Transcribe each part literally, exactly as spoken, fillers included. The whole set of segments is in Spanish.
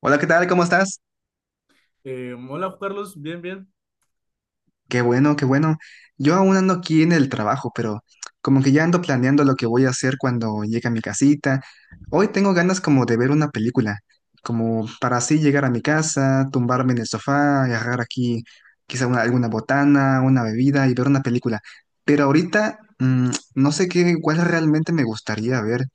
Hola, ¿qué tal? ¿Cómo estás? Eh, hola, Carlos, bien, bien. Qué bueno, qué bueno. Yo aún ando aquí en el trabajo, pero como que ya ando planeando lo que voy a hacer cuando llegue a mi casita. Hoy tengo ganas como de ver una película, como para así llegar a mi casa, tumbarme en el sofá, agarrar aquí quizá una- alguna botana, una bebida y ver una película. Pero ahorita mm, no sé qué, cuál realmente me gustaría ver.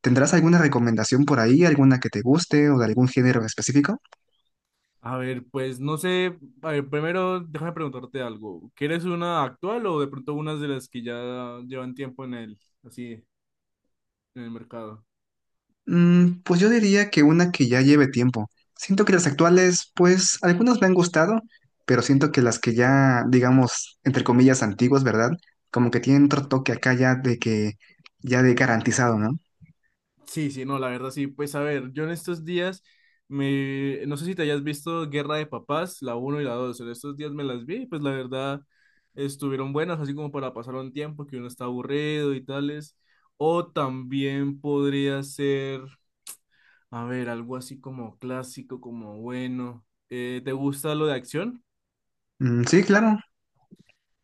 ¿Tendrás alguna recomendación por ahí, alguna que te guste o de algún género específico? A ver, pues no sé, a ver, primero déjame preguntarte algo. ¿Quieres una actual o de pronto unas de las que ya llevan tiempo en el, así, en el mercado? Mm, pues yo diría que una que ya lleve tiempo. Siento que las actuales, pues algunas me han gustado, pero siento que las que ya, digamos, entre comillas, antiguas, ¿verdad? Como que tienen otro toque acá ya de que, ya de garantizado, ¿no? Sí, sí, no, la verdad sí. Pues a ver, yo en estos días me, no sé si te hayas visto Guerra de Papás, la uno y la dos. En estos días me las vi, y pues la verdad estuvieron buenas, así como para pasar un tiempo que uno está aburrido y tales. O también podría ser. A ver, algo así como clásico, como bueno. Eh, ¿te gusta lo de acción? Mm, sí, claro.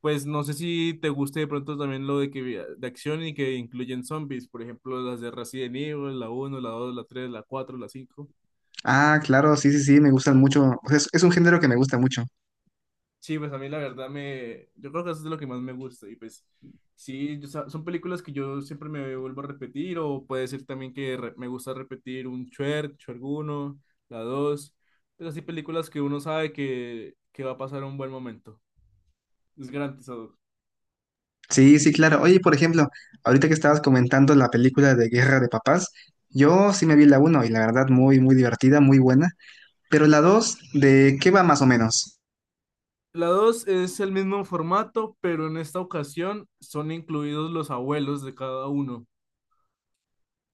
Pues no sé si te guste de pronto también lo de que de acción y que incluyen zombies, por ejemplo, las de Resident Evil, la uno, la dos, la tres, la cuatro, la cinco. Ah, claro, sí, sí, sí, me gustan mucho. O sea, es, es un género que me gusta mucho. Sí, pues a mí la verdad me yo creo que eso es lo que más me gusta y pues sí, yo sa- son películas que yo siempre me vuelvo a repetir, o puede ser también que re- me gusta repetir un Shrek, Shrek uno, la dos, pues así películas que uno sabe que que va a pasar un buen momento. Es garantizado. Sí, sí, claro. Oye, por ejemplo, ahorita que estabas comentando la película de Guerra de Papás, yo sí me vi la uno y la verdad muy, muy divertida, muy buena. Pero la dos, ¿de qué va más o menos? La dos es el mismo formato, pero en esta ocasión son incluidos los abuelos de cada uno.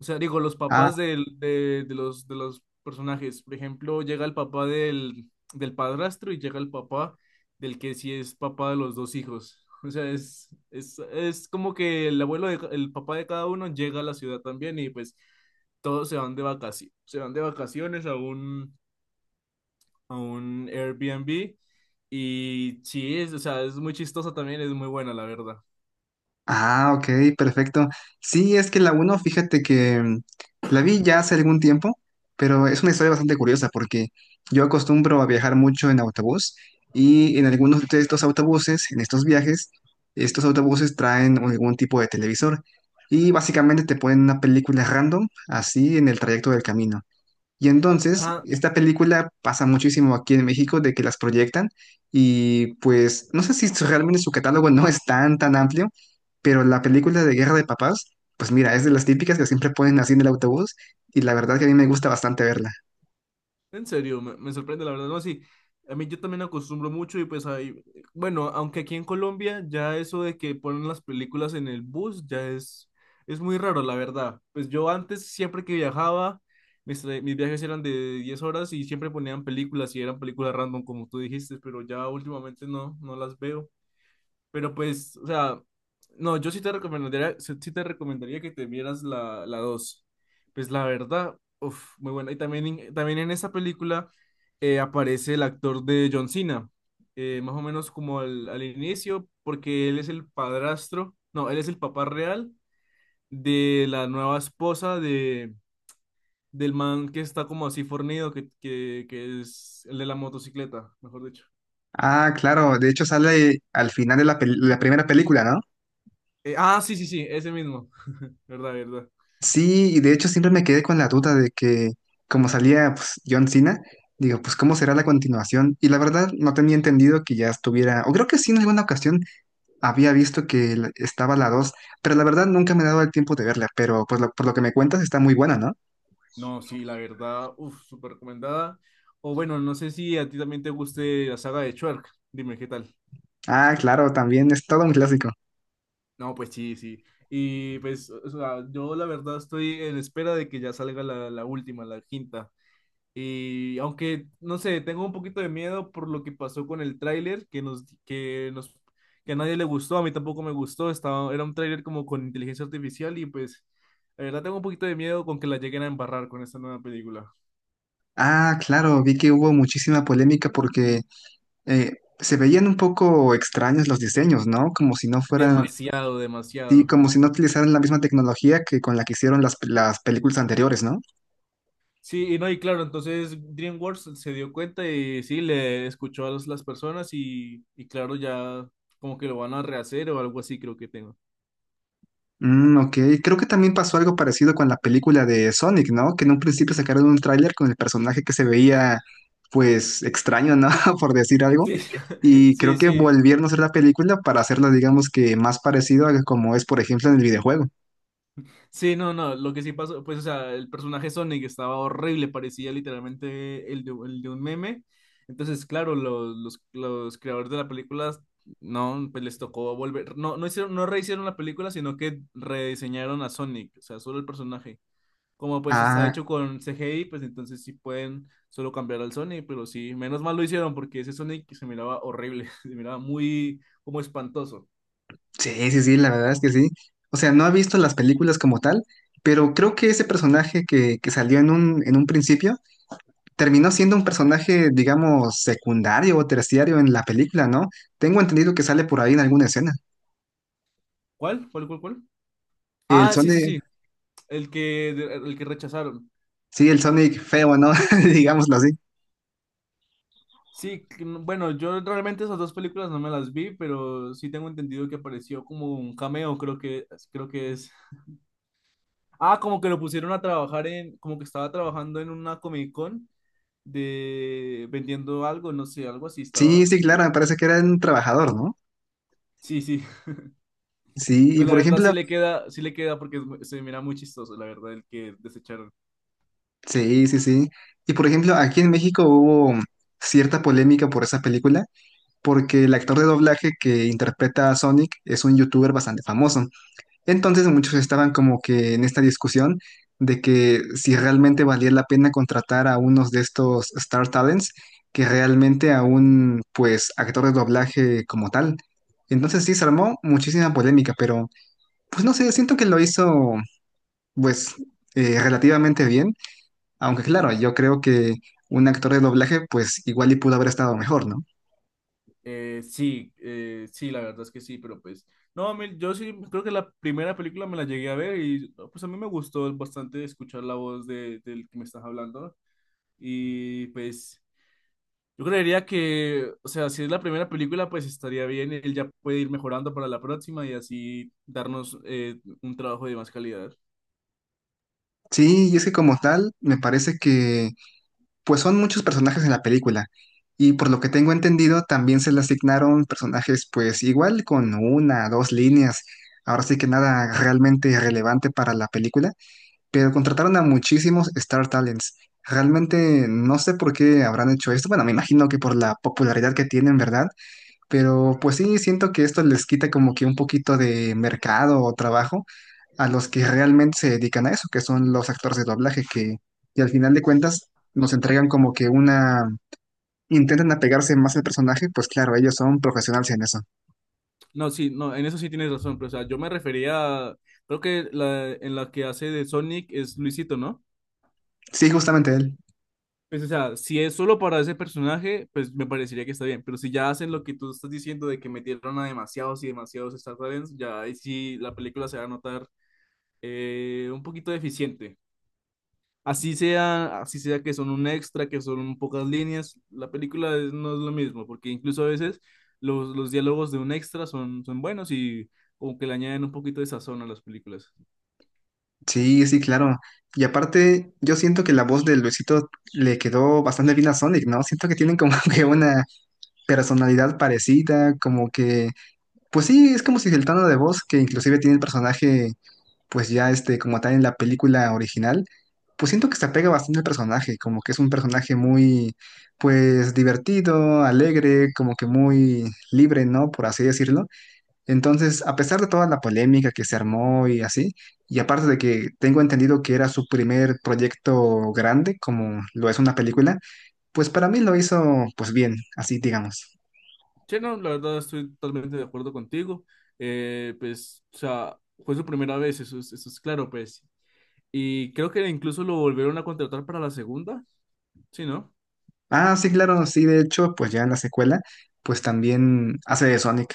O sea, digo, los Ah, papás del- de, de los, de los personajes. Por ejemplo, llega el papá del, del padrastro y llega el papá del que sí es papá de los dos hijos. O sea, es, es, es como que el abuelo, de ca- el papá de cada uno llega a la ciudad también y pues todos se van de vacaciones, se van de vacaciones a un, a un Airbnb, y sí, es, o sea, es muy chistosa también, es muy buena, la verdad. ah, ok, perfecto. Sí, es que la uno, fíjate que mm, la vi ya hace algún tiempo, pero es una historia bastante curiosa porque yo acostumbro a viajar mucho en autobús y en algunos de estos autobuses, en estos viajes, estos autobuses traen un- algún tipo de televisor y básicamente te ponen una película random así en el trayecto del camino. Y entonces, Ajá, esta película pasa muchísimo aquí en México de que las proyectan y pues no sé si su- realmente su catálogo no es tan, tan amplio, pero la película de Guerra de Papás, pues mira, es de las típicas que siempre ponen así en el autobús y la verdad que a mí me gusta bastante verla. en serio, me, me sorprende, la verdad. No, sí, a mí yo también acostumbro mucho y pues ahí, bueno, aunque aquí en Colombia ya eso de que ponen las películas en el bus ya es, es muy raro, la verdad. Pues yo antes, siempre que viajaba, mis, tra- mis viajes eran de diez horas y siempre ponían películas y eran películas random, como tú dijiste, pero ya últimamente no, no las veo. Pero pues, o sea, no, yo sí te recomendaría, sí sí te recomendaría que te vieras la, la dos. Pues la verdad, uf, muy buena. Y también, en- también en esa película eh, aparece el actor de John Cena, eh, más o menos como al, al inicio, porque él es el padrastro, no, él es el papá real de la nueva esposa de, del man que está como así fornido, que, que, que es el de la motocicleta, mejor dicho. Ah, claro, de hecho sale al final de la, pel- la primera película, ¿no? Eh, ah, sí, sí, sí, ese mismo, verdad, verdad. Sí, y de hecho siempre me quedé con la duda de que como salía, pues, John Cena, digo, pues ¿cómo será la continuación? Y la verdad no tenía entendido que ya estuviera, o creo que sí, en alguna ocasión había visto que la- estaba la dos, pero la verdad nunca me he dado el tiempo de verla, pero pues lo- por lo que me cuentas está muy buena, ¿no? No, sí, la verdad, uff, súper recomendada. O bueno, no sé si a ti también te guste la saga de Shrek. Dime qué tal. Ah, claro, también es todo un clásico. No, pues sí, sí. Y pues, o sea, yo la verdad estoy en espera de que ya salga la, la última, la quinta. Y aunque, no sé, tengo un poquito de miedo por lo que pasó con el tráiler, que nos, que nos, que a nadie le gustó, a mí tampoco me gustó. Estaba, era un tráiler como con inteligencia artificial y pues, la verdad tengo un poquito de miedo con que la lleguen a embarrar con esta nueva película. Ah, claro, vi que hubo muchísima polémica porque eh, se veían un poco extraños los diseños, ¿no? Como si no fueran, Demasiado, sí, demasiado. como si no utilizaran la misma tecnología que con la que hicieron las, las películas anteriores, ¿no? Sí, y no, y claro, entonces DreamWorks se dio cuenta y sí, le escuchó a las, las personas y, y claro, ya como que lo van a rehacer o algo así, creo que tengo. Mm, ok, creo que también pasó algo parecido con la película de Sonic, ¿no? Que en un principio sacaron un tráiler con el personaje que se veía, pues, extraño, ¿no? Por decir algo. Sí, Y sí, creo que sí, volvieron a hacer la película para hacerla, digamos que más parecido a como es, por ejemplo, en el videojuego. sí, no, no, lo que sí pasó, pues, o sea, el personaje Sonic estaba horrible, parecía literalmente el de, el de un meme. Entonces, claro, los, los, los creadores de la película, no, pues les tocó volver, no, no hicieron, no rehicieron la película, sino que rediseñaron a Sonic, o sea, solo el personaje. Como pues está Ah, hecho con C G I, pues entonces sí pueden solo cambiar al Sonic, pero sí, menos mal lo hicieron porque ese Sonic se miraba horrible, se miraba muy como espantoso. sí, sí, sí, la verdad es que sí. O sea, no he visto las películas como tal, pero creo que ese personaje que, que salió en un, en un principio terminó siendo un personaje, digamos, secundario o terciario en la película, ¿no? Tengo entendido que sale por ahí en alguna escena. ¿Cuál? ¿Cuál, cuál, cuál? El Ah, sí, sí, Sonic, sí, el que, el que rechazaron. sí, el Sonic feo, ¿no? Digámoslo así. Sí, que no- bueno, yo realmente esas dos películas no me las vi, pero sí tengo entendido que apareció como un cameo, creo que, creo que es. Ah, como que lo pusieron a trabajar en, como que estaba trabajando en una Comic Con de vendiendo algo, no sé, algo así Sí, estaba sí, claro, haciendo. me parece que era un trabajador, ¿no? Sí, sí. Sí, y Pues la por verdad ejemplo, sí le queda, sí le queda porque es mu- se mira muy chistoso, la verdad, el que desecharon. sí, sí, sí. Y por ejemplo, aquí en México hubo cierta polémica por esa película, porque el actor de doblaje que interpreta a Sonic es un youtuber bastante famoso. Entonces muchos estaban como que en esta discusión de que si realmente valía la pena contratar a unos de estos Star Talents que realmente a un, pues, actor de doblaje como tal. Entonces sí, se armó muchísima polémica, pero pues no sé, siento que lo hizo, pues, eh, relativamente bien, aunque claro, yo creo que un actor de doblaje, pues igual y pudo haber estado mejor, ¿no? Eh, sí, eh, sí, la verdad es que sí, pero pues, no, a mí- yo sí creo que la primera película me la llegué a ver y no, pues a mí me gustó bastante escuchar la voz de, del que me estás hablando y pues yo creería que, o sea, si es la primera película, pues estaría bien, él ya puede ir mejorando para la próxima y así darnos eh, un trabajo de más calidad. Sí, y es que como tal, me parece que, pues, son muchos personajes en la película. Y por lo que tengo entendido, también se le asignaron personajes, pues igual con una, dos líneas. Ahora sí que nada realmente relevante para la película, pero contrataron a muchísimos Star Talents. Realmente no sé por qué habrán hecho esto. Bueno, me imagino que por la popularidad que tienen, ¿verdad? Pero pues sí, siento que esto les quita como que un poquito de mercado o trabajo a los que realmente se dedican a eso, que son los actores de doblaje, que, y al final de cuentas nos entregan como que una... Intentan apegarse más al personaje, pues claro, ellos son profesionales en eso. No, sí, no, en eso sí tienes razón, pero o sea, yo me refería, a- creo que la, en la que hace de Sonic es Luisito, ¿no? Sí, justamente él. Pues, o sea, si es solo para ese personaje, pues me parecería que está bien, pero si ya hacen lo que tú estás diciendo de que metieron a demasiados y demasiados Star Talents, ya ahí sí la película se va a notar eh, un poquito deficiente. Así sea, así sea que son un extra, que son pocas líneas, la película es- no es lo mismo, porque incluso a veces los, los diálogos de un extra son, son buenos y como que le añaden un poquito de sazón a las películas. Sí, sí, claro. Y aparte, yo siento que la voz de Luisito le quedó bastante bien a Sonic, ¿no? Siento que tienen como que una personalidad parecida, como que, pues sí, es como si el tono de voz que inclusive tiene el personaje, pues ya este, como tal en la película original, pues siento que se apega bastante al personaje, como que es un personaje muy, pues divertido, alegre, como que muy libre, ¿no? Por así decirlo. Entonces, a pesar de toda la polémica que se armó y así, y aparte de que tengo entendido que era su primer proyecto grande, como lo es una película, pues para mí lo hizo, pues bien, así digamos. Sí, no, la verdad estoy totalmente de acuerdo contigo. Eh, pues, o sea, fue su primera vez, eso es, eso es claro, pues. Y creo que incluso lo volvieron a contratar para la segunda, ¿sí, no? Ah, sí, claro, sí, de hecho, pues ya en la secuela, pues también hace de Sonic.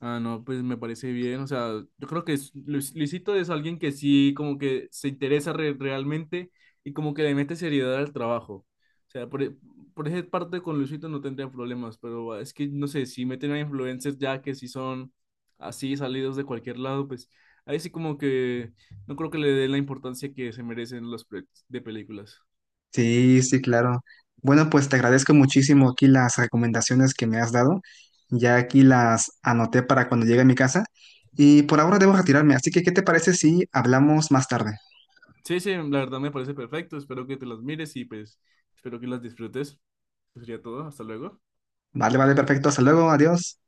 Ah, no, pues me parece bien. O sea, yo creo que es- Luis- Luisito es alguien que sí, como que se interesa re- realmente y como que le mete seriedad al trabajo. O sea, por, e- por esa parte con Luisito no tendría problemas, pero ah, es que, no sé, si meten a influencers ya que sí son así salidos de cualquier lado, pues ahí sí como que no creo que le den la importancia que se merecen los proyectos de películas. Sí, sí, claro. Bueno, pues te agradezco muchísimo aquí las recomendaciones que me has dado. Ya aquí las anoté para cuando llegue a mi casa. Y por ahora debo retirarme, así que ¿qué te parece si hablamos más tarde? Sí, sí, la verdad me parece perfecto. Espero que te las mires y pues espero que las disfrutes. Pues sería todo. Hasta luego. Vale, vale, perfecto. Hasta luego, adiós.